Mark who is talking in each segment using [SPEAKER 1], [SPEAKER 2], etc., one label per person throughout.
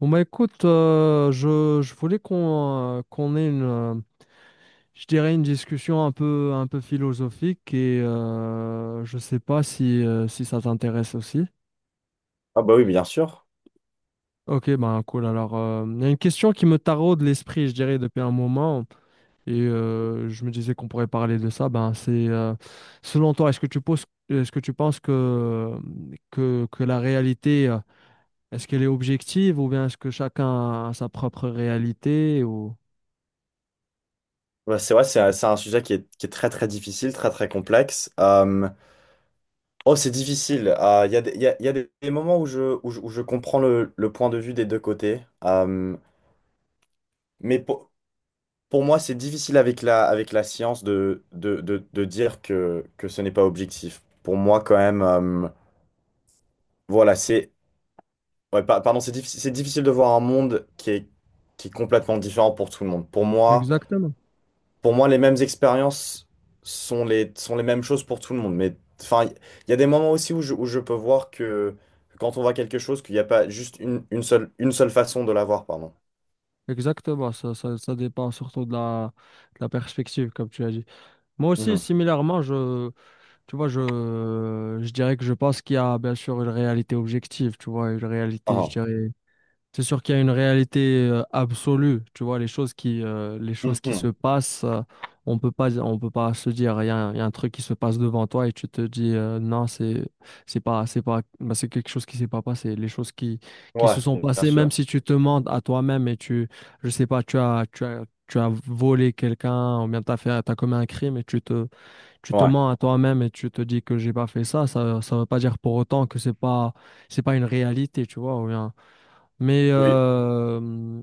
[SPEAKER 1] Bon bah écoute, je voulais qu'on qu'on ait je dirais une discussion un peu philosophique et je sais pas si, si ça t'intéresse aussi.
[SPEAKER 2] Ah bah oui, bien sûr.
[SPEAKER 1] Ok, ben cool. Alors, il y a une question qui me taraude l'esprit, je dirais, depuis un moment et je me disais qu'on pourrait parler de ça. Ben c'est, selon toi, est-ce que tu penses que la réalité, est-ce qu'elle est objective ou bien est-ce que chacun a sa propre réalité ou.
[SPEAKER 2] Ouais, c'est vrai, c'est un sujet qui est très très difficile, très très complexe. Oh, c'est difficile. Il y a il y a des moments où où je comprends le point de vue des deux côtés. Mais pour moi, c'est difficile avec avec la science de dire que ce n'est pas objectif. Pour moi, quand même, voilà, c'est... ouais, pardon, c'est difficile de voir un monde qui est complètement différent pour tout le monde.
[SPEAKER 1] Exactement.
[SPEAKER 2] Pour moi, les mêmes expériences sont sont les mêmes choses pour tout le monde. Mais enfin, il y a des moments aussi où où je peux voir que quand on voit quelque chose, qu'il n'y a pas juste une seule façon de la voir, pardon.
[SPEAKER 1] Exactement, ça dépend surtout de la perspective, comme tu as dit. Moi aussi,
[SPEAKER 2] Mhm.
[SPEAKER 1] similairement, tu vois, je dirais que je pense qu'il y a bien sûr une réalité objective, tu vois, une réalité, je
[SPEAKER 2] Ah,
[SPEAKER 1] dirais, c'est sûr qu'il y a une réalité absolue, tu vois, les choses qui se
[SPEAKER 2] mhm.
[SPEAKER 1] passent, on peut pas se dire, il y a un truc qui se passe devant toi et tu te dis, non, c'est pas, bah, c'est quelque chose qui s'est pas passé. Les choses qui se
[SPEAKER 2] Ouais,
[SPEAKER 1] sont
[SPEAKER 2] bien
[SPEAKER 1] passées, même
[SPEAKER 2] sûr.
[SPEAKER 1] si tu te mens à toi-même et tu, je sais pas, tu as volé quelqu'un ou bien t'as commis un crime et tu te
[SPEAKER 2] Ouais.
[SPEAKER 1] mens à toi-même et tu te dis que j'ai pas fait ça veut pas dire pour autant que c'est pas une réalité, tu vois, ou bien. Mais
[SPEAKER 2] Oui.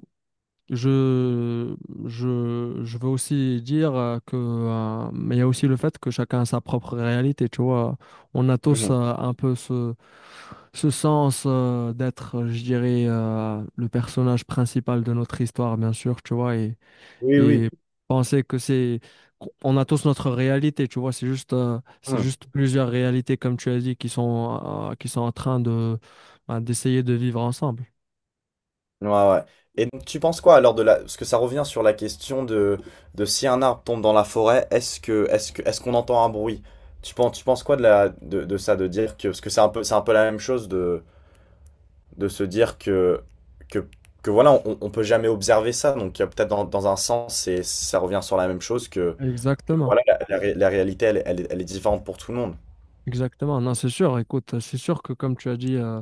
[SPEAKER 1] je, je veux aussi dire mais il y a aussi le fait que chacun a sa propre réalité, tu vois. On a tous
[SPEAKER 2] Mhm.
[SPEAKER 1] un peu ce sens d'être, je dirais, le personnage principal de notre histoire, bien sûr, tu vois, et,
[SPEAKER 2] Oui, oui.
[SPEAKER 1] et penser que c'est, on a tous notre réalité, tu vois, c'est
[SPEAKER 2] Mhm.
[SPEAKER 1] juste plusieurs réalités, comme tu as dit, qui sont en train de, bah, d'essayer de vivre ensemble.
[SPEAKER 2] Ouais, ouais. Et donc, tu penses quoi alors de la... Parce que ça revient sur la question de si un arbre tombe dans la forêt, est-ce qu'on entend un bruit? Tu penses quoi de de ça, de dire que... Parce que c'est un peu la même chose de se dire que, que voilà, on peut jamais observer ça. Donc, il y a peut-être dans un sens, c'est, ça revient sur la même chose que
[SPEAKER 1] Exactement.
[SPEAKER 2] voilà, la réalité, elle est différente pour tout le monde.
[SPEAKER 1] Exactement, non, c'est sûr. Écoute, c'est sûr que comme tu as dit,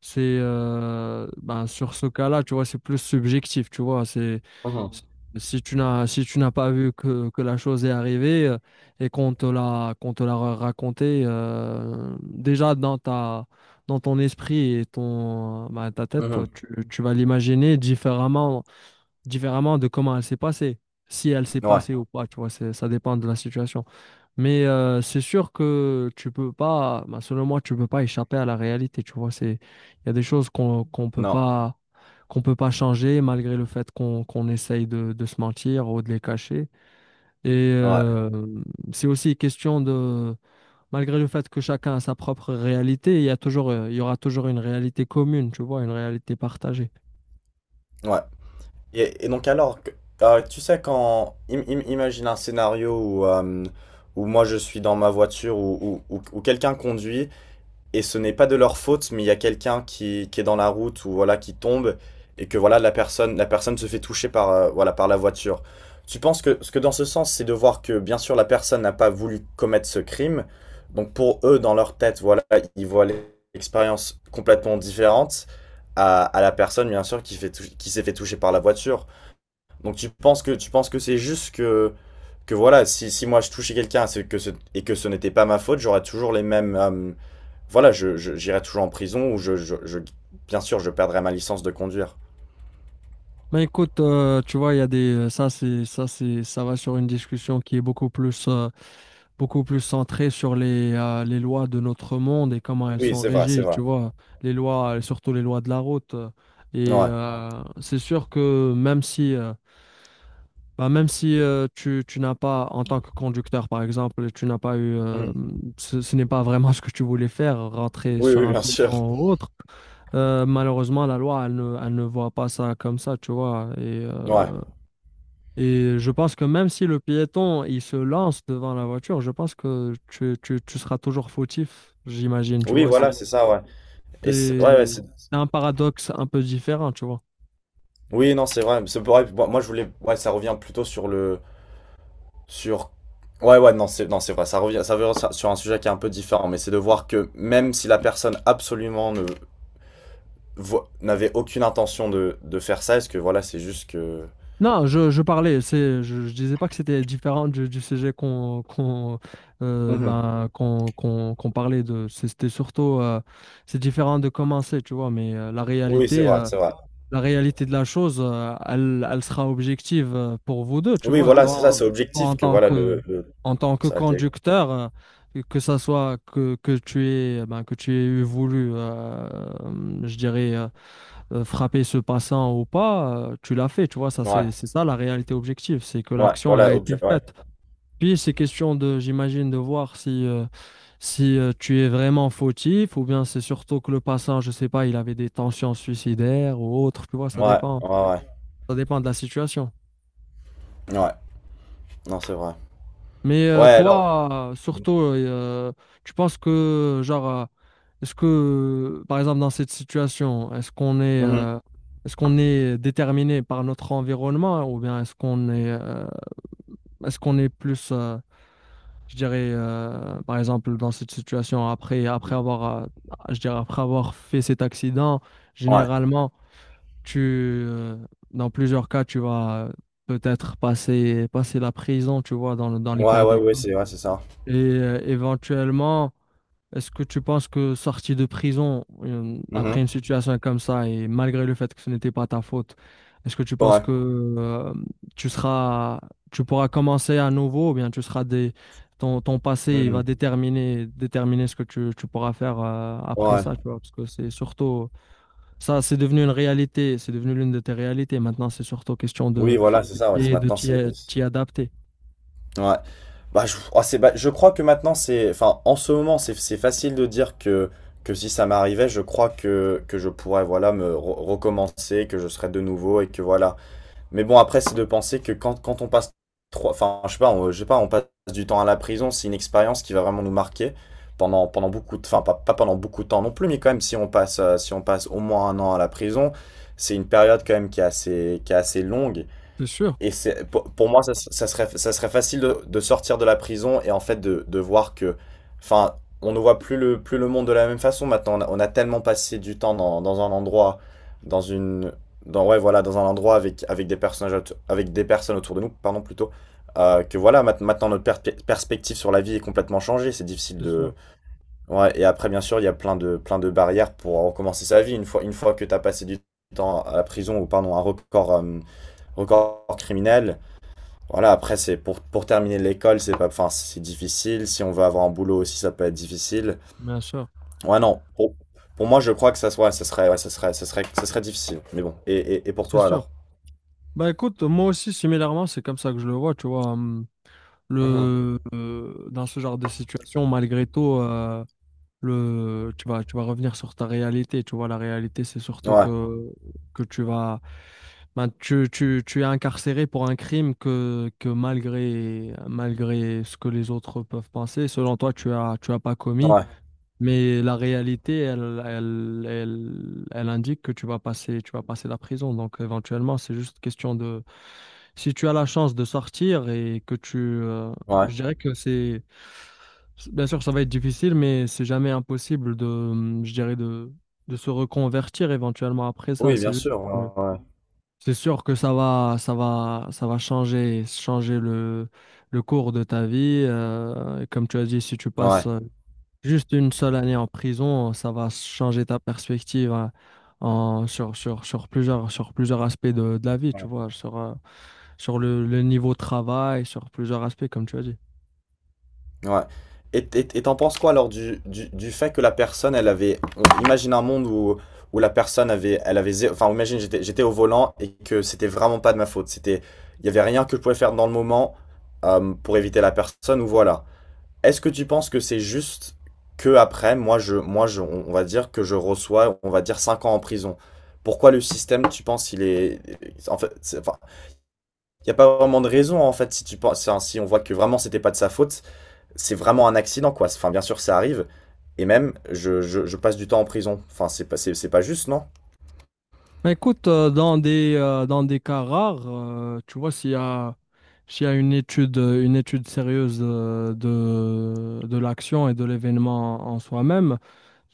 [SPEAKER 1] c'est ben, sur ce cas-là, tu vois, c'est plus subjectif, tu vois. C'est-
[SPEAKER 2] Mhm.
[SPEAKER 1] si tu n'as si tu n'as pas vu que la chose est arrivée et qu'on te l'a raconté déjà dans ton esprit et ton ben, ta tête, toi,
[SPEAKER 2] Mhm.
[SPEAKER 1] tu vas l'imaginer différemment de comment elle s'est passée, si elle s'est
[SPEAKER 2] Ouais,
[SPEAKER 1] passée ou pas, tu vois. C'est Ça dépend de la situation. Mais c'est sûr que tu peux pas, bah, selon moi, tu peux pas échapper à la réalité. Tu vois, c'est, il y a des choses
[SPEAKER 2] non,
[SPEAKER 1] qu'on peut pas changer malgré le fait qu'on essaye de se mentir ou de les cacher. Et
[SPEAKER 2] ouais,
[SPEAKER 1] c'est aussi question de, malgré le fait que chacun a sa propre réalité, il y aura toujours une réalité commune. Tu vois, une réalité partagée.
[SPEAKER 2] ouais. Et donc, alors, que- tu sais, quand. Imagine un scénario où, où moi je suis dans ma voiture ou où, où quelqu'un conduit et ce n'est pas de leur faute, mais il y a quelqu'un qui est dans la route ou voilà qui tombe et que voilà la personne se fait toucher par voilà par la voiture. Tu penses que ce que dans ce sens, c'est de voir que bien sûr la personne n'a pas voulu commettre ce crime, donc pour eux dans leur tête voilà ils voient l'expérience complètement différente à la personne bien sûr qui fait qui s'est fait toucher par la voiture. Donc tu penses que c'est juste que voilà si, si moi je touchais quelqu'un c'est que ce, et que ce n'était pas ma faute, j'aurais toujours les mêmes voilà, je, j'irai toujours en prison ou je- bien sûr, je perdrai ma licence de conduire.
[SPEAKER 1] Mais écoute, tu vois, il y a des, ça va sur une discussion qui est beaucoup plus centré sur les lois de notre monde et comment elles
[SPEAKER 2] Oui,
[SPEAKER 1] sont
[SPEAKER 2] c'est vrai, c'est
[SPEAKER 1] régies, tu
[SPEAKER 2] vrai.
[SPEAKER 1] vois, les lois, surtout les lois de la route. Et
[SPEAKER 2] Ouais.
[SPEAKER 1] c'est sûr que même si tu n'as pas, en tant que conducteur par exemple, tu n'as pas eu,
[SPEAKER 2] Mhm.
[SPEAKER 1] ce n'est pas vraiment ce que tu voulais faire, rentrer
[SPEAKER 2] Oui,
[SPEAKER 1] sur
[SPEAKER 2] oui,
[SPEAKER 1] un
[SPEAKER 2] bien sûr.
[SPEAKER 1] piéton ou autre, malheureusement, la loi, elle ne voit pas ça comme ça, tu vois. Et
[SPEAKER 2] Ouais.
[SPEAKER 1] euh, et je pense que même si le piéton, il se lance devant la voiture, je pense que tu seras toujours fautif, j'imagine, tu
[SPEAKER 2] Oui,
[SPEAKER 1] vois.
[SPEAKER 2] voilà, c'est ça, ouais. Et c'est- ouais, ouais,
[SPEAKER 1] C'est-
[SPEAKER 2] c'est-
[SPEAKER 1] c'est un paradoxe un peu différent, tu vois.
[SPEAKER 2] Oui, non, c'est vrai. C'est vrai. Moi, moi, je voulais. Ouais, ça revient plutôt sur le. Sur. Ouais, ouais, non, c'est non, c'est vrai. Ça revient sur un sujet qui est un peu différent, mais c'est de voir que même si la personne absolument ne n'avait aucune intention de faire ça, est-ce que voilà, c'est juste que.
[SPEAKER 1] Non, je parlais, je disais pas que c'était différent du sujet qu'on qu'on
[SPEAKER 2] Mhm.
[SPEAKER 1] ben, qu'on qu'on qu'on parlait de. C'était surtout, c'est différent de commencer, tu vois, mais
[SPEAKER 2] Oui, c'est vrai, c'est vrai.
[SPEAKER 1] la réalité de la chose, elle sera objective pour vous deux, tu
[SPEAKER 2] Oui,
[SPEAKER 1] vois.
[SPEAKER 2] voilà, c'est ça, c'est
[SPEAKER 1] Toi,
[SPEAKER 2] objectif que voilà le-
[SPEAKER 1] en tant que
[SPEAKER 2] ça a été.
[SPEAKER 1] conducteur, que tu aies, eh ben, que tu aies voulu, je dirais, frapper ce passant ou pas, tu l'as fait, tu vois. Ça,
[SPEAKER 2] Ouais,
[SPEAKER 1] c'est ça la réalité objective, c'est que
[SPEAKER 2] ouais,
[SPEAKER 1] l'action, elle a
[SPEAKER 2] voilà,
[SPEAKER 1] été
[SPEAKER 2] objet, ouais,
[SPEAKER 1] faite. Puis, c'est question de, j'imagine, de voir si tu es vraiment fautif ou bien c'est surtout que le passant, je sais pas, il avait des tensions suicidaires ou autre, tu vois, ça
[SPEAKER 2] ouais,
[SPEAKER 1] dépend.
[SPEAKER 2] ouais, ouais,
[SPEAKER 1] Ça dépend de la situation.
[SPEAKER 2] ouais, Ouais, non, c'est vrai.
[SPEAKER 1] Mais
[SPEAKER 2] Ouais, alors,
[SPEAKER 1] toi, surtout, tu penses que, genre, est-ce que, par exemple, dans cette situation,
[SPEAKER 2] mhm,
[SPEAKER 1] est-ce qu'on est déterminé par notre environnement ou bien est-ce qu'on est plus, je dirais, par exemple, dans cette situation, après avoir fait cet accident,
[SPEAKER 2] ouais,
[SPEAKER 1] généralement, tu, dans plusieurs cas, tu vas passer la prison, tu vois, dans
[SPEAKER 2] ouais,
[SPEAKER 1] l'hyper.
[SPEAKER 2] ouais, ouais, c'est ça.
[SPEAKER 1] Et éventuellement, est-ce que tu penses que sorti de prison
[SPEAKER 2] Mhm,
[SPEAKER 1] après une situation comme ça et malgré le fait que ce n'était pas ta faute, est-ce que tu penses
[SPEAKER 2] ouais,
[SPEAKER 1] que euh, tu seras, tu pourras commencer à nouveau ou bien ton passé il va
[SPEAKER 2] mhm,
[SPEAKER 1] déterminer ce que tu pourras faire après
[SPEAKER 2] ouais,
[SPEAKER 1] ça, tu vois, parce que c'est surtout ça, c'est devenu une réalité, c'est devenu l'une de tes réalités. Maintenant, c'est surtout question de
[SPEAKER 2] oui, voilà, c'est ça, ouais, c'est-
[SPEAKER 1] et de
[SPEAKER 2] maintenant, c'est. C'est-
[SPEAKER 1] t'y adapter.
[SPEAKER 2] Ouais, bah, je, oh, c'est, bah, je crois que maintenant, c'est. Enfin, en ce moment, c'est facile de dire que si ça m'arrivait, je crois que je pourrais, voilà, me recommencer, que je serais de nouveau et que voilà. Mais bon, après, c'est de penser que quand, quand on passe trois, enfin, je sais pas, on, je sais pas, on passe du temps à la prison, c'est une expérience qui va vraiment nous marquer pendant, pendant beaucoup de, enfin, pas, pas pendant beaucoup de temps non plus, mais quand même, si on passe, si on passe au moins un an à la prison, c'est une période quand même qui est assez longue
[SPEAKER 1] C'est sûr,
[SPEAKER 2] et c'est, pour moi, ça, ça serait facile de sortir de la prison et en fait de voir que, enfin, on ne voit plus plus le monde de la même façon maintenant. On a tellement passé du temps dans, dans un endroit, dans une, dans, ouais, voilà, dans un endroit avec, avec des personnages, avec des personnes autour de nous, pardon, plutôt, que voilà, maintenant notre perspective sur la vie est complètement changée. C'est difficile
[SPEAKER 1] c'est sûr,
[SPEAKER 2] de, ouais, et après, bien sûr, il y a plein de barrières pour recommencer sa vie une fois que tu as passé du temps à la prison ou, pardon, un record, record criminel. Voilà, après, c'est pour terminer l'école, c'est pas, enfin, c'est difficile. Si on veut avoir un boulot aussi, ça peut être difficile.
[SPEAKER 1] bien sûr,
[SPEAKER 2] Ouais, non. Pour moi, je crois que ça soit, ça serait, ouais, ça serait, ça serait, ça serait difficile. Mais bon. Et pour
[SPEAKER 1] c'est
[SPEAKER 2] toi
[SPEAKER 1] sûr.
[SPEAKER 2] alors?
[SPEAKER 1] Bah écoute, moi aussi, similairement, c'est comme ça que je le vois, tu vois.
[SPEAKER 2] Mhm.
[SPEAKER 1] Dans ce genre de situation, malgré tout, tu vas revenir sur ta réalité. Tu vois, la réalité, c'est surtout
[SPEAKER 2] Ouais,
[SPEAKER 1] que tu vas, ben, tu es incarcéré pour un crime que malgré ce que les autres peuvent penser, selon toi, tu as pas commis.
[SPEAKER 2] ouais,
[SPEAKER 1] Mais la réalité, elle indique que tu vas passer la prison. Donc éventuellement, c'est juste question de si tu as la chance de sortir et que tu...
[SPEAKER 2] ouais.
[SPEAKER 1] je dirais que c'est... Bien sûr, ça va être difficile, mais c'est jamais impossible je dirais, de se reconvertir éventuellement après ça.
[SPEAKER 2] Oui, bien sûr. Ouais,
[SPEAKER 1] C'est sûr que ça va changer le cours de ta vie. Et comme tu as dit, si tu
[SPEAKER 2] ouais.
[SPEAKER 1] passes juste une seule année en prison, ça va changer ta perspective hein, en, sur, sur, sur plusieurs aspects de la vie, tu
[SPEAKER 2] Ouais.
[SPEAKER 1] vois, le niveau de travail, sur plusieurs aspects, comme tu as dit.
[SPEAKER 2] Ouais. Et t'en penses quoi alors du fait que la personne, elle avait... on- Imagine un monde où, où la personne avait... Elle avait Enfin, imagine, j'étais, j'étais au volant et que c'était vraiment pas de ma faute. C'était, il y avait rien que je pouvais faire dans le moment pour éviter la personne ou voilà. Est-ce que tu penses que c'est juste que après, moi je, on va dire que je reçois, on va dire 5 ans en prison. Pourquoi le système, tu penses, il est... En fait, c'est- enfin, il n'y a pas vraiment de raison, en fait, si tu penses, si on voit que vraiment c'était pas de sa faute c'est vraiment un accident, quoi. Enfin, bien sûr, ça arrive. Et même, je passe du temps en prison. Enfin, c'est pas juste, non?
[SPEAKER 1] Mais écoute, dans des cas rares, tu vois, s'il y a une étude sérieuse de l'action et de l'événement en soi-même,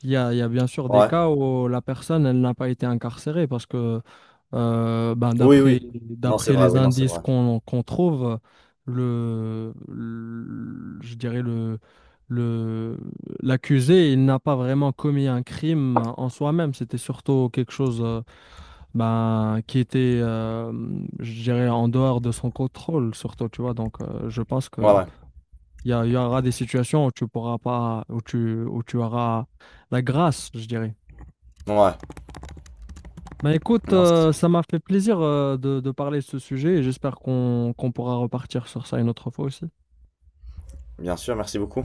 [SPEAKER 1] il y a bien sûr des
[SPEAKER 2] Ouais.
[SPEAKER 1] cas où la personne, elle n'a pas été incarcérée parce que
[SPEAKER 2] Oui, oui. Non, c'est
[SPEAKER 1] d'après
[SPEAKER 2] vrai,
[SPEAKER 1] les
[SPEAKER 2] oui, non, c'est
[SPEAKER 1] indices
[SPEAKER 2] vrai.
[SPEAKER 1] qu'on trouve, le- je dirais le, l'accusé, il n'a pas vraiment commis un crime en soi-même. C'était surtout quelque chose ben, qui était, je dirais, en dehors de son contrôle, surtout, tu vois. Donc, je pense
[SPEAKER 2] Ouais,
[SPEAKER 1] que
[SPEAKER 2] ouais.
[SPEAKER 1] il y aura des situations où tu pourras pas, où où tu auras la grâce, je dirais.
[SPEAKER 2] Ouais.
[SPEAKER 1] Ben écoute,
[SPEAKER 2] Non, c'est-
[SPEAKER 1] ça m'a fait plaisir de parler de ce sujet et j'espère qu'on pourra repartir sur ça une autre fois aussi.
[SPEAKER 2] bien sûr, merci beaucoup.